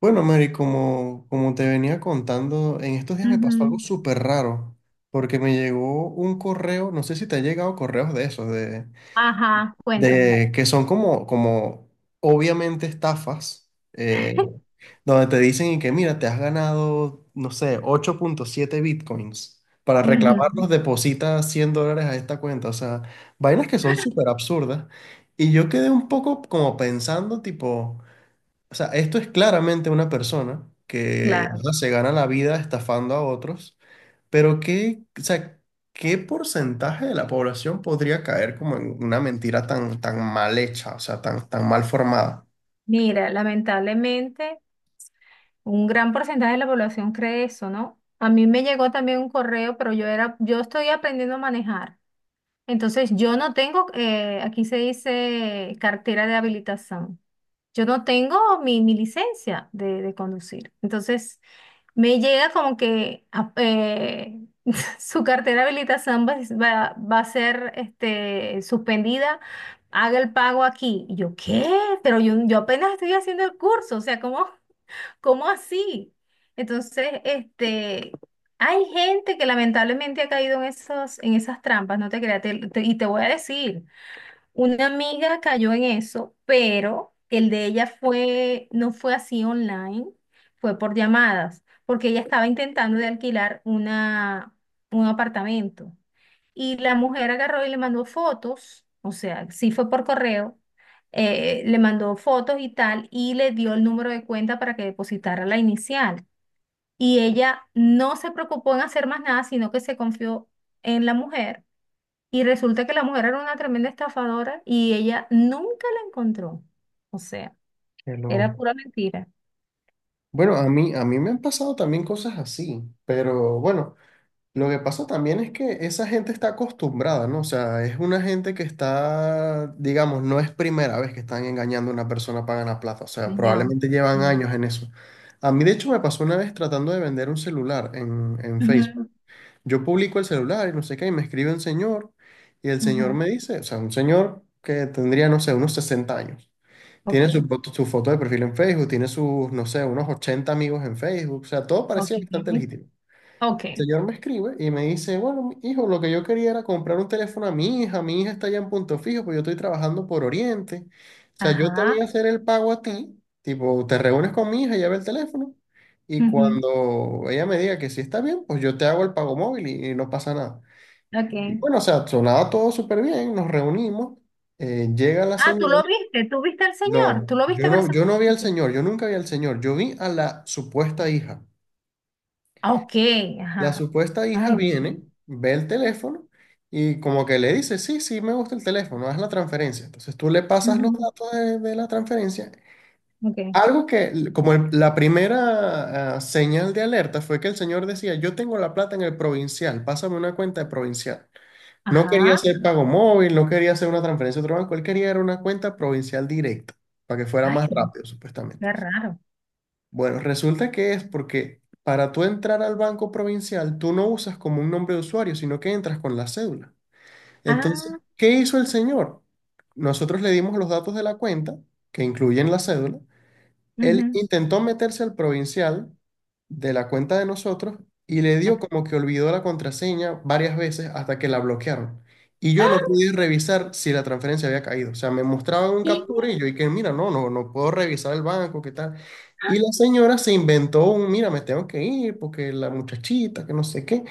Bueno, Mary, como te venía contando, en estos días me pasó algo Ujú. súper raro, porque me llegó un correo, no sé si te ha llegado correos de esos, de, Ajá, cuéntame. de que son como obviamente estafas, donde te dicen y que mira, te has ganado, no sé, 8.7 bitcoins. Para reclamarlos, Ujú. deposita $100 a esta cuenta. O sea, vainas que son súper absurdas. Y yo quedé un poco como pensando, tipo. O sea, esto es claramente una persona que, o Claro. sea, se gana la vida estafando a otros, pero ¿qué, o sea, qué porcentaje de la población podría caer como en una mentira tan, tan mal hecha, o sea, tan, tan mal formada? Mira, lamentablemente un gran porcentaje de la población cree eso, ¿no? A mí me llegó también un correo, pero yo estoy aprendiendo a manejar. Entonces, yo no tengo, aquí se dice cartera de habilitación. Yo no tengo mi licencia de conducir. Entonces, me llega como que su cartera de habilitación va a ser este, suspendida, haga el pago aquí. Y yo, ¿qué? Pero yo apenas estoy haciendo el curso, o sea, ¿cómo, cómo así? Entonces, este, hay gente que lamentablemente ha caído en esos, en esas trampas, no te creas, y te voy a decir. Una amiga cayó en eso, pero el de ella fue, no fue así online, fue por llamadas, porque ella estaba intentando de alquilar un apartamento. Y la mujer agarró y le mandó fotos, o sea, sí fue por correo, le mandó fotos y tal, y le dio el número de cuenta para que depositara la inicial. Y ella no se preocupó en hacer más nada, sino que se confió en la mujer y resulta que la mujer era una tremenda estafadora y ella nunca la encontró. O sea, Que lo- era pura mentira. Bueno, a mí me han pasado también cosas así, pero bueno. Lo que pasa también es que esa gente está acostumbrada, ¿no? O sea, es una gente que está, digamos, no es primera vez que están engañando a una persona para ganar plata. O sea, claro, Señor, probablemente llevan señor. años en eso. A mí, de hecho, me pasó una vez tratando de vender un celular en Facebook. Ujú, Yo publico el celular y no sé qué, y me escribe un señor, y el señor ujú. me dice, o sea, un señor que tendría, no sé, unos 60 años. Ok, Tiene su foto de perfil en Facebook, tiene sus, no sé, unos 80 amigos en Facebook. O sea, todo ok, parecía bastante legítimo. El ok. señor me escribe y me dice, bueno, hijo, lo que yo quería era comprar un teléfono a mi hija está allá en Punto Fijo, pues yo estoy trabajando por Oriente. O sea, yo te voy Ajá. a hacer el pago a ti, tipo, te reúnes con mi hija, lleva el teléfono, y Ujú, cuando ella me diga que sí está bien, pues yo te hago el pago móvil y no pasa nada. Y ok. bueno, o sea, sonaba todo súper bien, nos reunimos, llega la Ah, tú lo señora. viste, tú viste al señor, No, tú lo viste yo no vi al personalmente. señor, yo nunca vi al señor, yo vi a la supuesta hija. Ah, ok, La ajá. supuesta hija Ay, viene, ve el teléfono y como que le dice, sí, sí, me gusta el teléfono, haz la transferencia. Entonces tú le pasas los ujú, datos de la transferencia. ok. Algo que, como la primera señal de alerta fue que el señor decía, yo tengo la plata en el provincial, pásame una cuenta de provincial. No quería Ajá. hacer pago móvil, no quería hacer una transferencia a otro banco, él quería era una cuenta provincial directa, para que fuera Ay, más rápido, supuestamente. qué raro. Bueno, resulta que es porque para tú entrar al banco provincial, tú no usas como un nombre de usuario, sino que entras con la cédula. Entonces, Ah, ¿qué hizo el señor? Nosotros le dimos los datos de la cuenta, que incluyen la cédula, él ujú, intentó meterse al provincial de la cuenta de nosotros y le dio ok. como que olvidó la contraseña varias veces hasta que la bloquearon. Y yo no ¡Ah! pude revisar si la transferencia había caído. O sea, me mostraban un ¡Qué! captura y yo dije, mira, no, no, no puedo revisar el banco, ¿qué tal? Y la señora se inventó un, mira, me tengo que ir porque la muchachita, que no sé qué.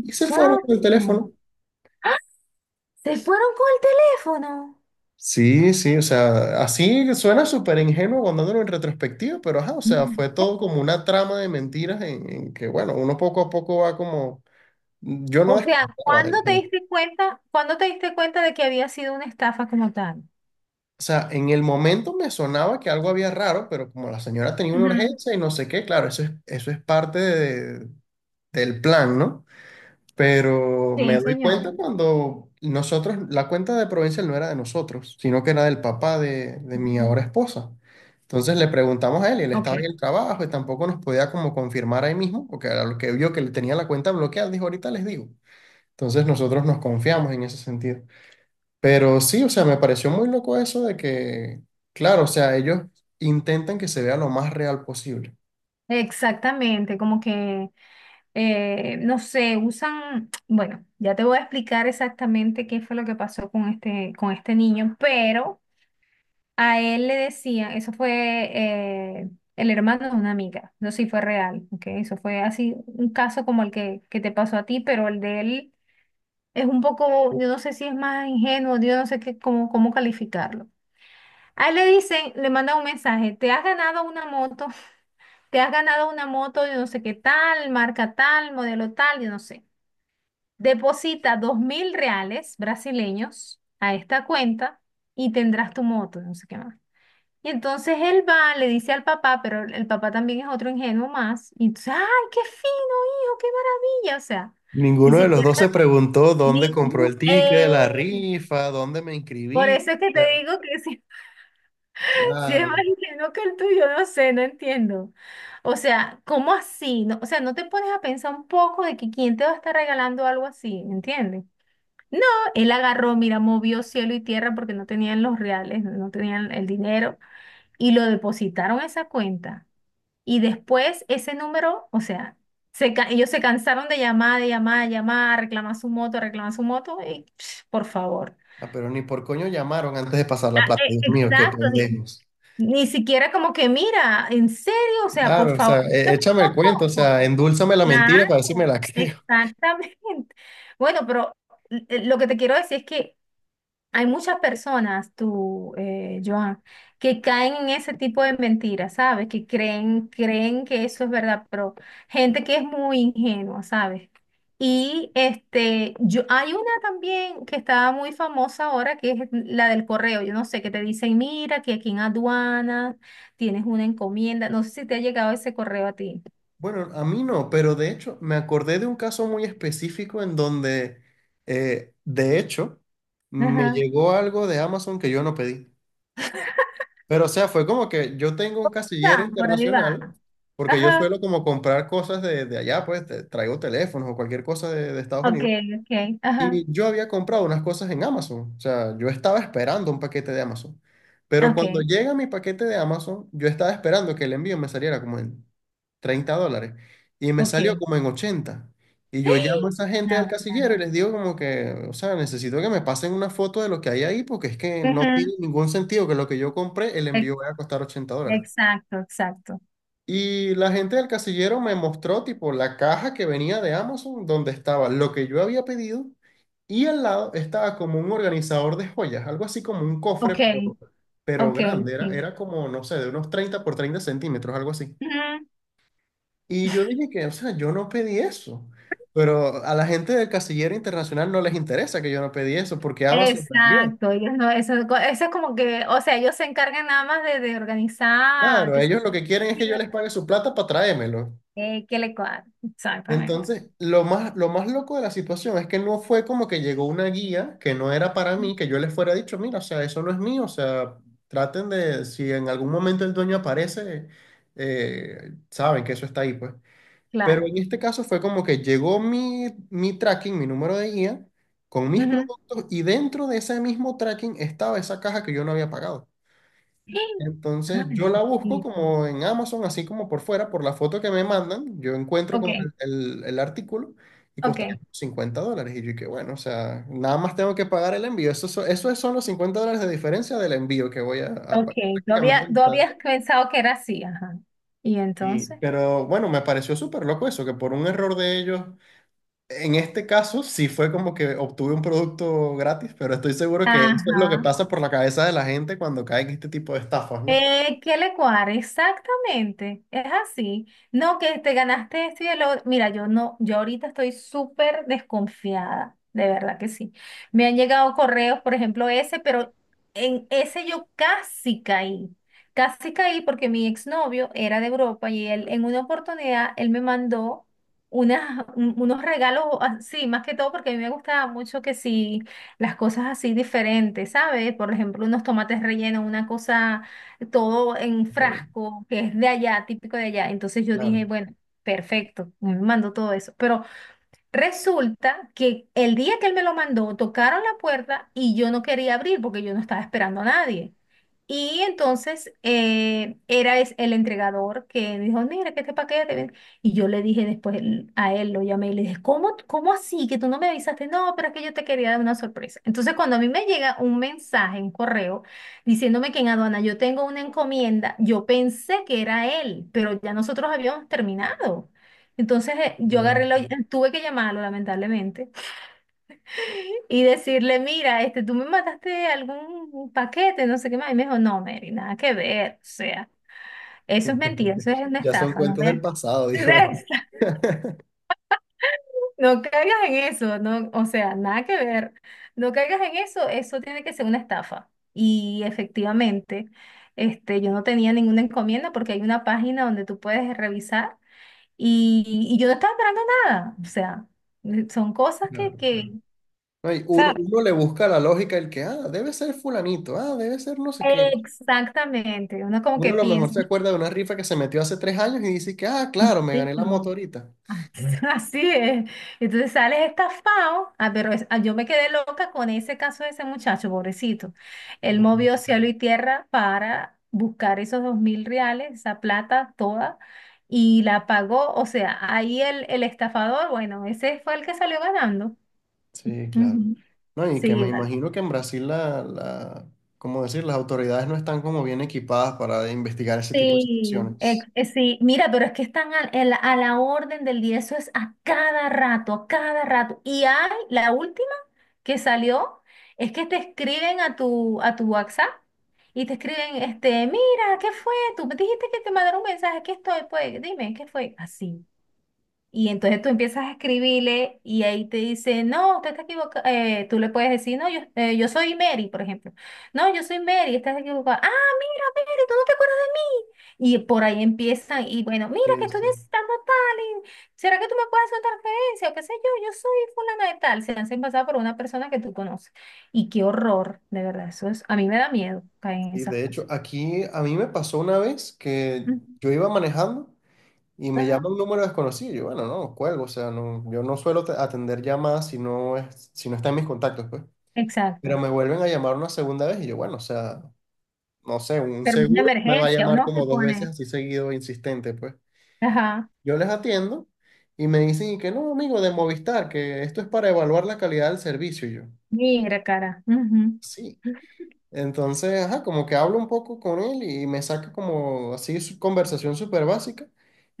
Y se fueron con el teléfono. Se fueron con el teléfono. Sí, sí, o sea, así suena súper ingenuo contándolo en retrospectiva, pero ajá, o sea, Mm. fue todo como una trama de mentiras en que, bueno, uno poco a poco va como, yo no O sea, desconfiaba de ¿cuándo la te gente. diste cuenta, cuándo te diste cuenta de que había sido una estafa como tal? O sea, en el momento me sonaba que algo había raro, pero como la señora tenía una Ujú. urgencia y no sé qué, claro, eso es parte del plan, ¿no? Pero me Sí, doy señor. cuenta cuando nosotros, la cuenta de Provincial no era de nosotros, sino que era del papá de mi Ujú. ahora esposa. Entonces le preguntamos a él y él Ok. estaba en el trabajo y tampoco nos podía como confirmar ahí mismo, porque a lo que vio que le tenía la cuenta bloqueada, dijo, ahorita les digo. Entonces nosotros nos confiamos en ese sentido. Pero sí, o sea, me pareció muy loco eso de que, claro, o sea, ellos intentan que se vea lo más real posible. Exactamente, como que, no sé, usan, bueno, ya te voy a explicar exactamente qué fue lo que pasó con este niño, pero a él le decían, eso fue el hermano de una amiga, no sé si fue real, ¿ok? Eso fue así un caso como el que te pasó a ti, pero el de él es un poco, yo no sé si es más ingenuo, yo no sé qué, cómo, cómo calificarlo. A él le dicen, le manda un mensaje, te has ganado una moto, te has ganado una moto, yo no sé qué tal, marca tal, modelo tal, yo no sé. Deposita 2.000 reales brasileños a esta cuenta y tendrás tu moto, no sé qué más. Y entonces él va, le dice al papá, pero el papá también es otro ingenuo más. Y entonces, ¡ay, qué fino, hijo, qué maravilla! O sea, ni Ninguno de los dos se siquiera... preguntó Ni, dónde compró el ticket de la rifa, dónde me por inscribí. eso es que O te sea, digo que si es más claro. ingenuo que el tuyo, no sé, no entiendo. O sea, ¿cómo así? No, o sea, no te pones a pensar un poco de que quién te va a estar regalando algo así, ¿entiendes? No, él agarró, mira, movió cielo y tierra porque no tenían los reales, no tenían el dinero y lo depositaron a esa cuenta. Y después ese número, o sea, ellos se cansaron de llamar, de llamar, de llamar, reclamar su moto y psh, por favor. Ah, pero ni por coño llamaron antes de pasar la plata. Dios mío, qué Exacto, pendejos. ni siquiera como que, mira, en serio, o sea, por Claro, o favor, sea, échame el cuento, o sea, tampoco. endúlzame la mentira para ver si me Claro, la creo. exactamente. Bueno, pero lo que te quiero decir es que hay muchas personas, tú, Joan, que caen en ese tipo de mentiras, ¿sabes? Que creen que eso es verdad, pero gente que es muy ingenua, ¿sabes? Y este, yo, hay una también que está muy famosa ahora, que es la del correo. Yo no sé, que te dicen, mira, que aquí en aduana tienes una encomienda. No sé si te ha llegado ese correo a ti. Bueno, a mí no, pero de hecho me acordé de un caso muy específico en donde, de hecho, me Ajá. llegó algo de Amazon que yo no pedí. Pero o sea, fue como que yo tengo un Por ahí casillero va. Por ahí internacional, va. porque yo Ajá. suelo como comprar cosas de allá, pues traigo teléfonos o cualquier cosa de Estados Ok, Unidos. ok. Ajá. Y yo había comprado unas cosas en Amazon, o sea, yo estaba esperando un paquete de Amazon. Pero cuando Ok, llega mi paquete de Amazon, yo estaba esperando que el envío me saliera como en $30 y me salió ok. como en ochenta. Y yo llamo a esa gente del Now casillero y we're. les digo como que, o sea, necesito que me pasen una foto de lo que hay ahí porque es que no tiene Ujú. ningún sentido que lo que yo compré, el Ex- envío vaya a costar $80. Exacto, exacto. Y la gente del casillero me mostró tipo la caja que venía de Amazon donde estaba lo que yo había pedido y al lado estaba como un organizador de joyas, algo así como un cofre, Ok, pero ok, grande, era, sí. era como, no sé, de unos 30 por 30 centímetros, algo así. Ujú. Y yo dije que, o sea, yo no pedí eso, pero a la gente del casillero internacional no les interesa que yo no pedí eso porque Amazon también. Exacto, ellos no, eso es como que, o sea, ellos se encargan nada más de organizar, Claro, que se ellos lo que quieren es que yo les pague su plata para traérmelo. Que le cuadre. Exactamente. Entonces, lo más loco de la situación es que no fue como que llegó una guía que no era para mí, que yo les fuera dicho, mira, o sea, eso no es mío, o sea, traten de, si en algún momento el dueño aparece, saben que eso está ahí, pues. Pero Claro. en este caso fue como que llegó mi, mi tracking, mi número de guía, con mis Ujú. productos y dentro de ese mismo tracking estaba esa caja que yo no había pagado. Entonces yo Ay, la busco sí. como en Amazon, así como por fuera, por la foto que me mandan, yo encuentro Ok, como el artículo y ok, costaba como $50. Y yo que bueno, o sea, nada más tengo que pagar el envío. Eso son los $50 de diferencia del envío que voy a pagar ok. Prácticamente la Tú mitad. habías pensado que era así, ajá. Y Y, entonces, pero bueno, me pareció súper loco eso, que por un error de ellos, en este caso sí fue como que obtuve un producto gratis, pero estoy seguro que eso es lo que ajá. pasa por la cabeza de la gente cuando caen este tipo de estafas, ¿no? ¿Qué le cuadra? Exactamente, es así. No, que te ganaste esto y el otro. Mira, yo no, yo ahorita estoy súper desconfiada, de verdad que sí. Me han llegado correos, por ejemplo, ese, pero en ese yo casi caí. Casi caí porque mi exnovio era de Europa y él en una oportunidad, él me mandó unos regalos así, más que todo porque a mí me gustaba mucho que sí, las cosas así diferentes, ¿sabes? Por ejemplo, unos tomates rellenos, una cosa todo en Ok, frasco, que es de allá, típico de allá. Entonces yo dije, bueno, perfecto, me mando todo eso. Pero resulta que el día que él me lo mandó, tocaron la puerta y yo no quería abrir porque yo no estaba esperando a nadie. Y entonces era es- el entregador que dijo, mira, que este paquete. Ven". Y yo le dije después a él, lo llamé y le dije, ¿cómo, cómo así que tú no me avisaste? No, pero es que yo te quería dar una sorpresa. Entonces cuando a mí me llega un mensaje, un correo, diciéndome que en aduana yo tengo una encomienda, yo pensé que era él, pero ya nosotros habíamos terminado. Entonces claro. Tuve que llamarlo lamentablemente y decirle, mira, este, tú me mandaste algún paquete, no sé qué más. Y me dijo, no, Mary, nada que ver. O sea, eso es mentira, eso es una Ya son estafa, no cuentos del vayas pasado, a dijo hacer él. eso. No caigas en eso, no, o sea, nada que ver. No caigas en eso, eso tiene que ser una estafa. Y efectivamente, este, yo no tenía ninguna encomienda porque hay una página donde tú puedes revisar y, y yo no estaba esperando nada. O sea, son cosas Claro, claro. que, No, y uno, ¿sabes? uno le busca la lógica el que, ah, debe ser fulanito, ah, debe ser no sé qué. Exactamente, uno como Uno que a lo mejor piensa, se acuerda de una rifa que se metió hace 3 años y dice que, ah, "Ay, claro, me gané la moto señor, ahorita. así así es. Entonces sales estafado, ah, pero yo me quedé loca con ese caso de ese muchacho, pobrecito. Él movió cielo y tierra para buscar esos 2.000 reales, esa plata toda, y la pagó. O sea, ahí el estafador, bueno, ese fue el que salió ganando. Sí, claro. Ujú. No, y que Sí, me imagino que en Brasil ¿cómo decir? Las autoridades no están como bien equipadas para investigar ese tipo de sí, situaciones. Sí, mira, pero es que están la orden del día, eso es a cada rato, a cada rato. Y hay la última que salió, es que te escriben a tu WhatsApp y te escriben, este, mira, ¿qué fue? Tú me dijiste que te mandaron un mensaje, aquí estoy, pues, dime, ¿qué fue? Así. Y entonces tú empiezas a escribirle y ahí te dice, no, usted está equivocado. Tú le puedes decir, no, yo, yo soy Mary, por ejemplo. No, yo soy Mary, estás equivocada. Ah, mira, Mary, tú no te acuerdas de mí. Y por ahí empiezan, y bueno, mira que Sí, estoy sí. necesitando tal, y ¿será que tú me puedes hacer una transferencia? O qué sé yo, yo soy fulana de tal. Se hacen pasar por una persona que tú conoces. Y qué horror, de verdad. Eso es, a mí me da miedo caer en Y esas de hecho, cosas. aquí a mí me pasó una vez que Ujú, yo iba manejando. Y me ajá, llama un número desconocido. Y yo, bueno, no, cuelgo. O sea, no, yo no suelo atender llamadas si no está en mis contactos, pues. Pero exacto. me vuelven a llamar una segunda vez y yo, bueno, o sea, no sé, un Pero una seguro me va a emergencia, llamar uno se como 2 veces pone. así seguido, insistente, pues. Ajá. Yo les atiendo y me dicen y que no, amigo, de Movistar, que esto es para evaluar la calidad del servicio. Y yo, Mira, cara. Ujú. sí. Entonces, ajá, como que hablo un poco con él y me saca como así su conversación súper básica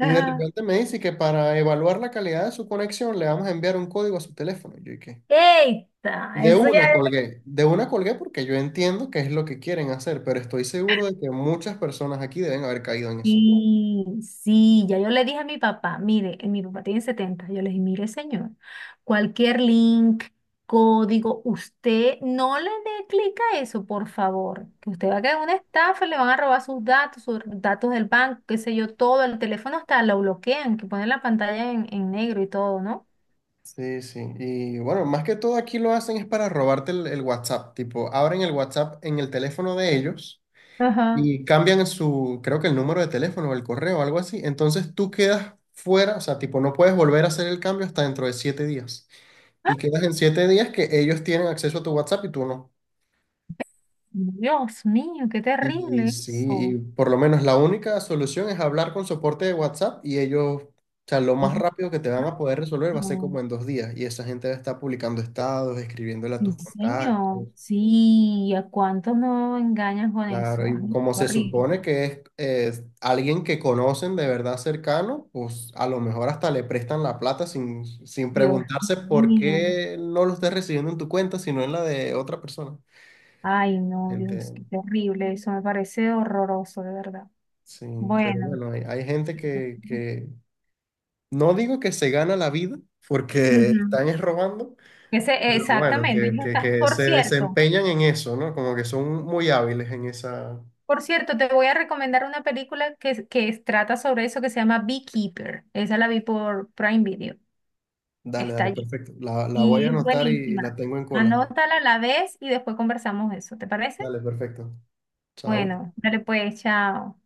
y de repente me dice que para evaluar la calidad de su conexión le vamos a enviar un código a su teléfono. Y yo, ¿y qué? Eita, eso ya era. De una colgué porque yo entiendo que es lo que quieren hacer, pero estoy seguro de que muchas personas aquí deben haber caído en eso. Sí, sí, ya yo le dije a mi papá, mire, mi papá tiene 70. Yo le dije, mire, señor, cualquier link, código, usted no le dé clic a eso, por favor, que usted va a caer en una estafa, le van a robar sus datos del banco, qué sé yo, todo, el teléfono hasta lo bloquean, que ponen la pantalla en negro y todo, ¿no? Sí, sí. Y bueno, más que todo aquí lo hacen es para robarte el WhatsApp. Tipo, abren el WhatsApp en el teléfono de ellos Ajá. y cambian su, creo que el número de teléfono o el correo o algo así. Entonces tú quedas fuera, o sea, tipo, no puedes volver a hacer el cambio hasta dentro de 7 días. Y quedas en 7 días que ellos tienen acceso a tu WhatsApp y tú no. Dios mío, qué Y terrible sí, eso. y por lo menos la única solución es hablar con soporte de WhatsApp y ellos, o sea, lo más rápido que te van a Ah, poder resolver va a ser no. como en 2 días. Y esa gente va a estar publicando estados, escribiéndole a Sí, tus señor. contactos. Sí, ¿a cuántos no engañan con Claro, eso? y Ay, qué como se supone horrible. que es alguien que conocen de verdad cercano, pues a lo mejor hasta le prestan la plata sin, sin Dios preguntarse por mío. qué no lo estás recibiendo en tu cuenta, sino en la de otra persona. Ay, no, Dios, qué Gente, terrible. Eso me parece horroroso, de verdad. sí, pero Bueno. bueno, hay gente que no digo que se gana la vida porque Ujú. están es robando, Ese, pero bueno, exactamente. que, que, que se desempeñan en eso, ¿no? Como que son muy hábiles en esa. Por cierto, te voy a recomendar una película que, trata sobre eso que se llama Beekeeper. Esa la vi por Prime Video. Dale, Está dale, allí. perfecto. La voy a Y es anotar y la buenísima. tengo en cola. Anótala a la vez y después conversamos de eso, ¿te parece? Dale, perfecto. Chao. Bueno, dale pues, chao.